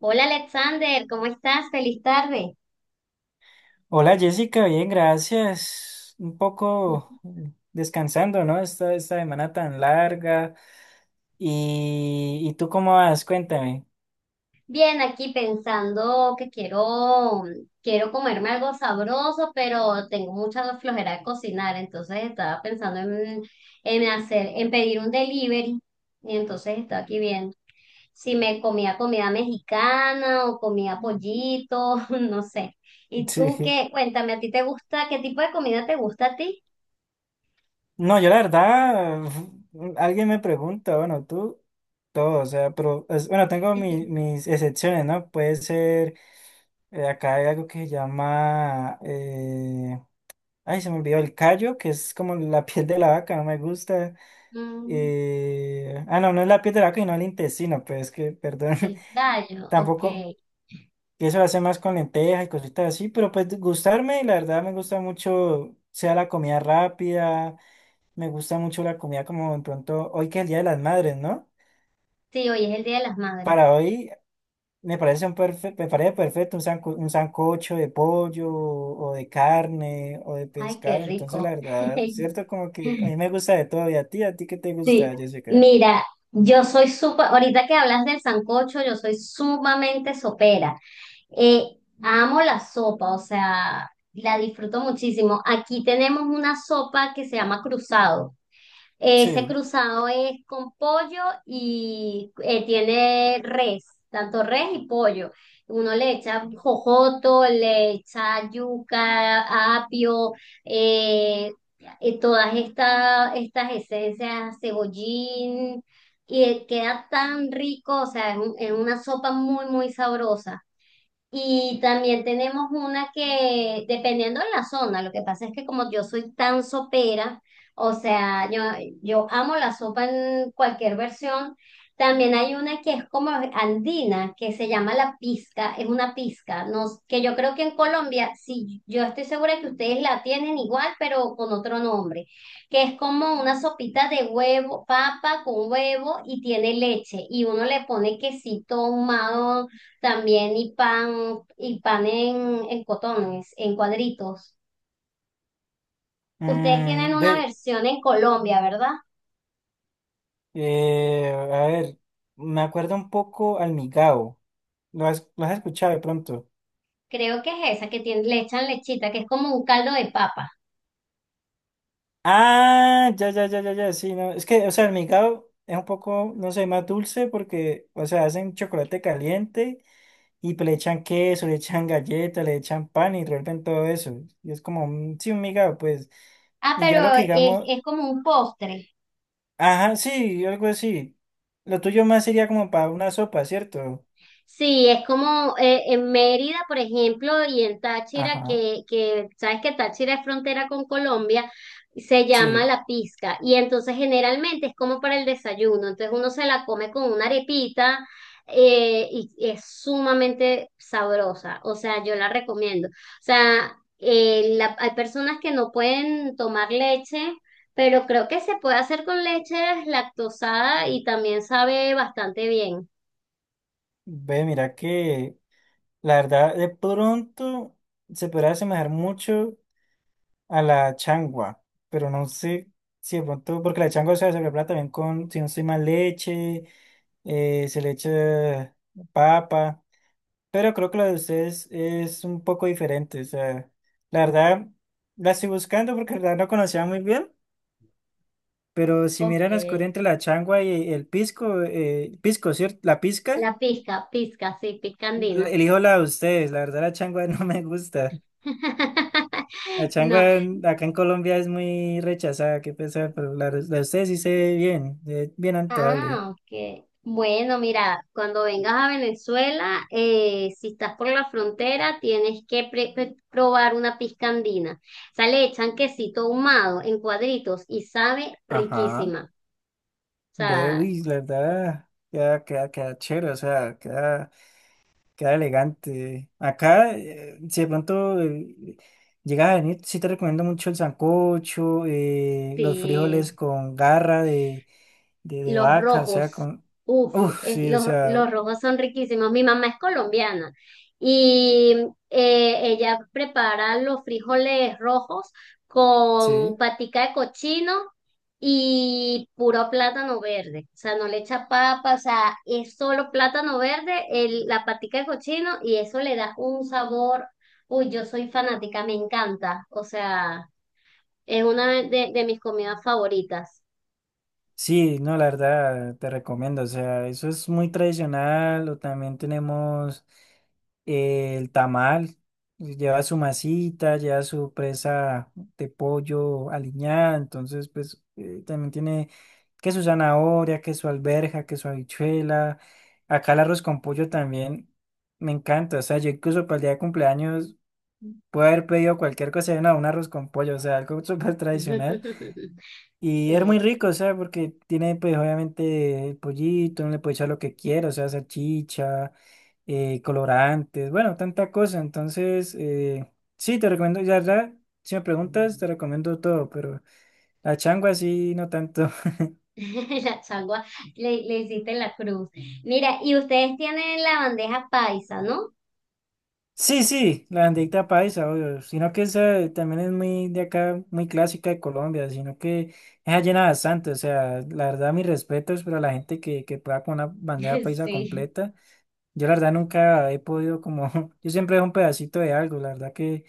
Hola Alexander, ¿cómo estás? Feliz tarde. Hola Jessica, bien, gracias. Un poco descansando, ¿no? Esta semana tan larga. ¿Y tú cómo vas? Cuéntame. Bien, aquí pensando que quiero comerme algo sabroso, pero tengo mucha flojera de cocinar, entonces estaba pensando en hacer, en pedir un delivery, y entonces estaba aquí viendo si me comía comida mexicana o comía pollito, no sé. ¿Y tú Sí. qué? Cuéntame, ¿a ti te gusta? ¿Qué tipo de comida te gusta a ti? No, yo la verdad, alguien me pregunta, bueno, tú, todo, o sea, pero, bueno, tengo mis excepciones, ¿no? Puede ser, acá hay algo que se llama, ay, se me olvidó, el callo, que es como la piel de la vaca, no me gusta. Mm, No, no es la piel de la vaca, no el intestino, pues es que, perdón, el gallo, tampoco, ok. y eso lo hace más con lentejas y cositas así, pero pues gustarme, la verdad me gusta mucho, sea la comida rápida, me gusta mucho la comida como de pronto, hoy que es el Día de las Madres, ¿no? Sí, hoy es el Día de las Madres. Para hoy me parece perfecto un, un sancocho de pollo o de carne o de Ay, qué pescado, entonces la rico. verdad, ¿cierto? Como que a mí me gusta de todo, y ¿a ti qué te Sí, gusta, Jessica? mira, yo soy súper, ahorita que hablas del sancocho, yo soy sumamente sopera. Amo la sopa, o sea, la disfruto muchísimo. Aquí tenemos una sopa que se llama cruzado. Ese Sí. cruzado es con pollo y tiene res, tanto res y pollo. Uno le echa jojoto, le echa yuca, apio, eh, todas estas esencias, cebollín, y queda tan rico, o sea, es una sopa muy, muy sabrosa. Y también tenemos una que, dependiendo de la zona, lo que pasa es que como yo soy tan sopera, o sea, yo amo la sopa en cualquier versión, también hay una que es como andina, que se llama la pizca, es una pizca, no, que yo creo que en Colombia, sí, yo estoy segura que ustedes la tienen igual, pero con otro nombre, que es como una sopita de huevo, papa con huevo y tiene leche, y uno le pone quesito ahumado también y pan en cotones, en cuadritos. Ustedes tienen Mm, una ve. versión en Colombia, ¿verdad? A ver, me acuerdo un poco al Migao. Lo has escuchado de pronto? Creo que es esa, que tiene, le echan lechita, que es como un caldo de papa. Ah, sí, no. Es que, o sea, el Migao es un poco, no sé, más dulce porque, o sea, hacen chocolate caliente y pues le echan queso, le echan galleta, le echan pan y revuelven todo eso. Y es como, sí, un Migao, pues. Ah, Y pero ya lo que digamos, es como un postre. ajá, sí, algo así. Lo tuyo más sería como para una sopa, ¿cierto? Sí, es como en Mérida, por ejemplo, y en Táchira, Ajá, que sabes que Táchira es frontera con Colombia, se llama sí. la pizca. Y entonces generalmente es como para el desayuno. Entonces uno se la come con una arepita y es sumamente sabrosa. O sea, yo la recomiendo. O sea, hay personas que no pueden tomar leche. Pero creo que se puede hacer con leche lactosada y también sabe bastante bien. Ve, mira que la verdad, de pronto se podrá asemejar mucho a la changua, pero no sé si de pronto, porque la changua, o sea, se prepara también con, si no estoy mal, leche, se le echa papa, pero creo que la de ustedes es un poco diferente, o sea, la verdad, la estoy buscando porque la verdad no conocía muy bien, pero si Ok, miran la escoria entre la changua y el pisco, ¿cierto? La pizca, la pizca, pizca, sí, pizca andina. elijo la de ustedes, la verdad la changua no me gusta. La No. Acá en Colombia es muy rechazada, qué pesar, pero la de usted sí se ve bien antojable. Ah, ok. Bueno, mira, cuando vengas a Venezuela, si estás por la frontera, tienes que probar una pizca andina. O sea, le echan quesito ahumado en cuadritos y sabe Ajá, riquísima. O ve, sea, uy, la verdad, queda chévere, o sea, queda, queda elegante. Acá, si de pronto llegas a venir, sí te recomiendo mucho el sancocho, los frijoles sí. con garra de Los vaca, o sea, rojos, con... uff, Uf, es, sí, o sea, los rojos son riquísimos. Mi mamá es colombiana y ella prepara los frijoles rojos con sí. patica de cochino y puro plátano verde. O sea, no le echa papa, o sea, es solo plátano verde, la patica de cochino y eso le da un sabor. Uy, yo soy fanática, me encanta. O sea, es una de mis comidas favoritas. Sí, no, la verdad, te recomiendo. O sea, eso es muy tradicional. O también tenemos el tamal. Lleva su masita, lleva su presa de pollo aliñada. Entonces, pues, también tiene que su zanahoria, que su alberja, que su habichuela. Acá el arroz con pollo también me encanta. O sea, yo incluso para el día de cumpleaños puedo haber pedido cualquier cosa. No, un arroz con pollo, o sea, algo súper tradicional. Y es muy Sí. rico, o sea, porque tiene, pues, obviamente, el pollito, uno le puede echar lo que quiera, o sea, salchicha, colorantes, bueno, tanta cosa. Entonces, sí, te recomiendo, si me preguntas, te recomiendo todo, pero la changua sí, no tanto. La changua, le hiciste la cruz. Mira, y ustedes tienen la bandeja paisa, ¿no? Sí, sí, la bandeita paisa, obvio, sino que esa también es muy de acá, muy clásica de Colombia, sino que esa llena bastante, o sea, la verdad, mis respetos para la gente que pueda con una bandeja paisa Sí. completa. Yo la verdad nunca he podido como, yo siempre dejo un pedacito de algo, la verdad que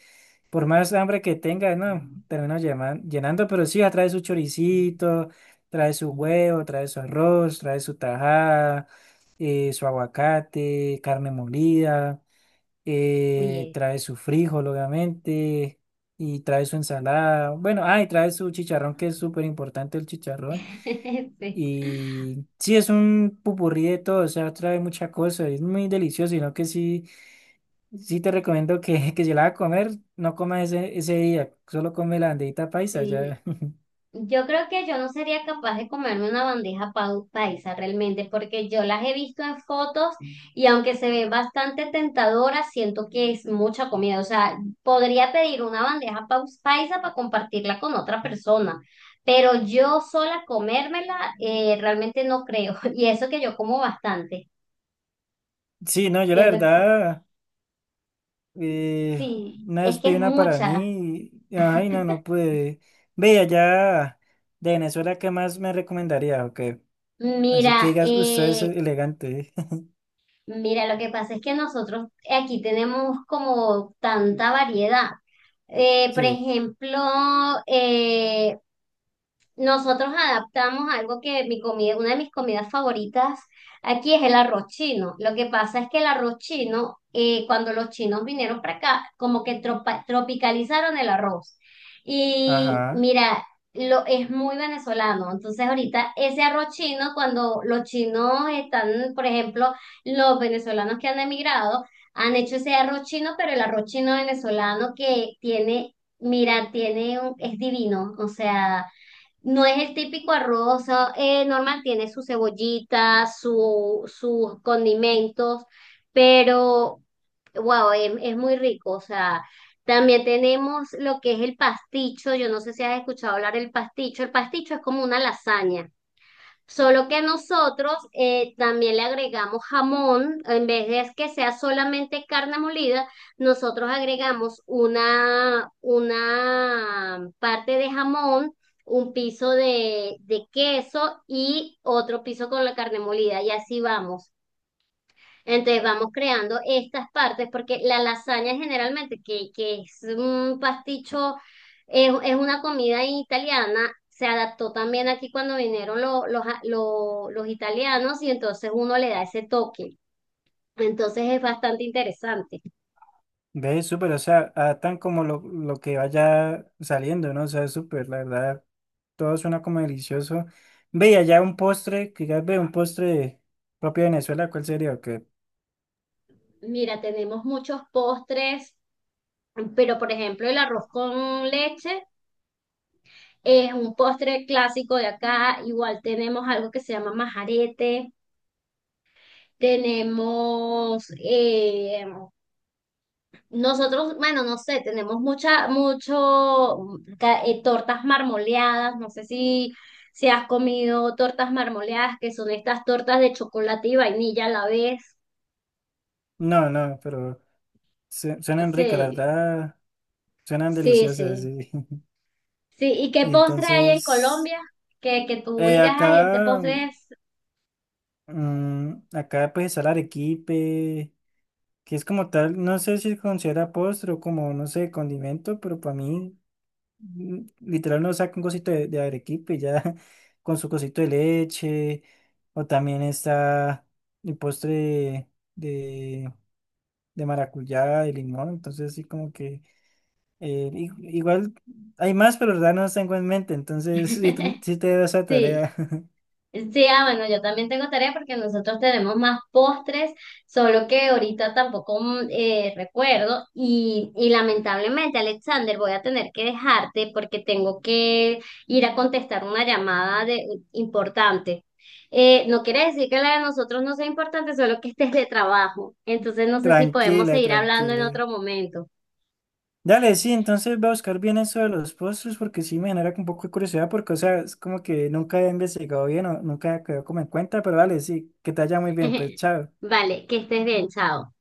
por más hambre que tenga, no, termino llenando, pero sí, trae su choricito, trae su huevo, trae su arroz, trae su tajada, su aguacate, carne molida, Oye, trae su frijol, obviamente, y trae su ensalada, bueno, ah, y trae su chicharrón, que es súper importante el chicharrón. sí. Y sí, es un pupurrí de todo, o sea, trae mucha cosa, es muy delicioso, sino que sí. Sí te recomiendo que, que si la vas a comer, no comas ese día, solo come la banderita paisa Sí. ya. Yo creo que yo no sería capaz de comerme una bandeja paisa realmente, porque yo las he visto en fotos y aunque se ve bastante tentadora, siento que es mucha comida. O sea, podría pedir una bandeja paisa para compartirla con otra persona, pero yo sola comérmela realmente no creo. Y eso que yo como bastante. Sí, no, yo la Siento que verdad, eh, sí, una es vez que pedí es una para mucha. mí, y- ay no, no pude. Ve allá de Venezuela, ¿qué más me recomendaría? Ok, así que Mira, digas, usted es eh, elegante. Mira, lo que pasa es que nosotros aquí tenemos como tanta variedad. Por Sí, ejemplo, eh, nosotros adaptamos algo que mi comida, una de mis comidas favoritas aquí es el arroz chino. Lo que pasa es que el arroz chino, cuando los chinos vinieron para acá, como que tropicalizaron el arroz. Y ajá, mira, lo, es muy venezolano. Entonces ahorita ese arroz chino, cuando los chinos están, por ejemplo, los venezolanos que han emigrado, han hecho ese arroz chino, pero el arroz chino venezolano que tiene, mira, tiene un, es divino. O sea... No es el típico arroz normal, tiene su cebollita, su, sus condimentos, pero wow, es muy rico. O sea, también tenemos lo que es el pasticho. Yo no sé si has escuchado hablar del pasticho. El pasticho es como una lasaña. Solo que nosotros también le agregamos jamón, en vez de que sea solamente carne molida, nosotros agregamos una parte de jamón, un piso de queso y otro piso con la carne molida y así vamos. Entonces vamos creando estas partes, porque la lasaña generalmente, que es un pasticho, es una comida italiana, se adaptó también aquí cuando vinieron los italianos y entonces uno le da ese toque. Entonces es bastante interesante. ve, súper, o sea, adaptan como lo que vaya saliendo, ¿no? O sea, súper, la verdad. Todo suena como delicioso. Ve, y allá un postre, quizás ve un propio de Venezuela, ¿cuál sería? Que Mira, tenemos muchos postres, pero por ejemplo el arroz con leche es un postre clásico de acá. Igual tenemos algo que se llama majarete. Tenemos nosotros, bueno, no sé, tenemos mucha, mucho, tortas marmoleadas, no sé si, si has comido tortas marmoleadas, que son estas tortas de chocolate y vainilla a la vez. no, no, pero suenan ricas, la Sí, verdad, suenan sí, deliciosas, sí. sí. Sí, ¿y qué Y postre hay en entonces, Colombia? Que tú digas, ay, este acá, postre es, mm, acá pues está el arequipe, que es como tal, no sé si se considera postre o como, no sé, condimento, pero para mí mm, literal nos saca un cosito de arequipe y ya con su cosito de leche. O también está el postre de, de maracuyá, de limón. Entonces sí como que eh, i- igual hay más, pero la verdad no los tengo en mente. Entonces sí, sí te doy esa sí. tarea. Sí, ah, bueno, yo también tengo tarea porque nosotros tenemos más postres, solo que ahorita tampoco recuerdo y lamentablemente, Alexander, voy a tener que dejarte porque tengo que ir a contestar una llamada de, importante. No quiere decir que la de nosotros no sea importante, solo que este es de trabajo. Entonces no sé si podemos Tranquila, seguir hablando en tranquila. otro momento. Dale, sí, entonces voy a buscar bien eso de los postres porque sí me genera un poco de curiosidad porque, o sea, es como que nunca he investigado bien o nunca he quedado como en cuenta, pero dale, sí, que te haya muy bien, pues chao. Vale, que estés bien, chao.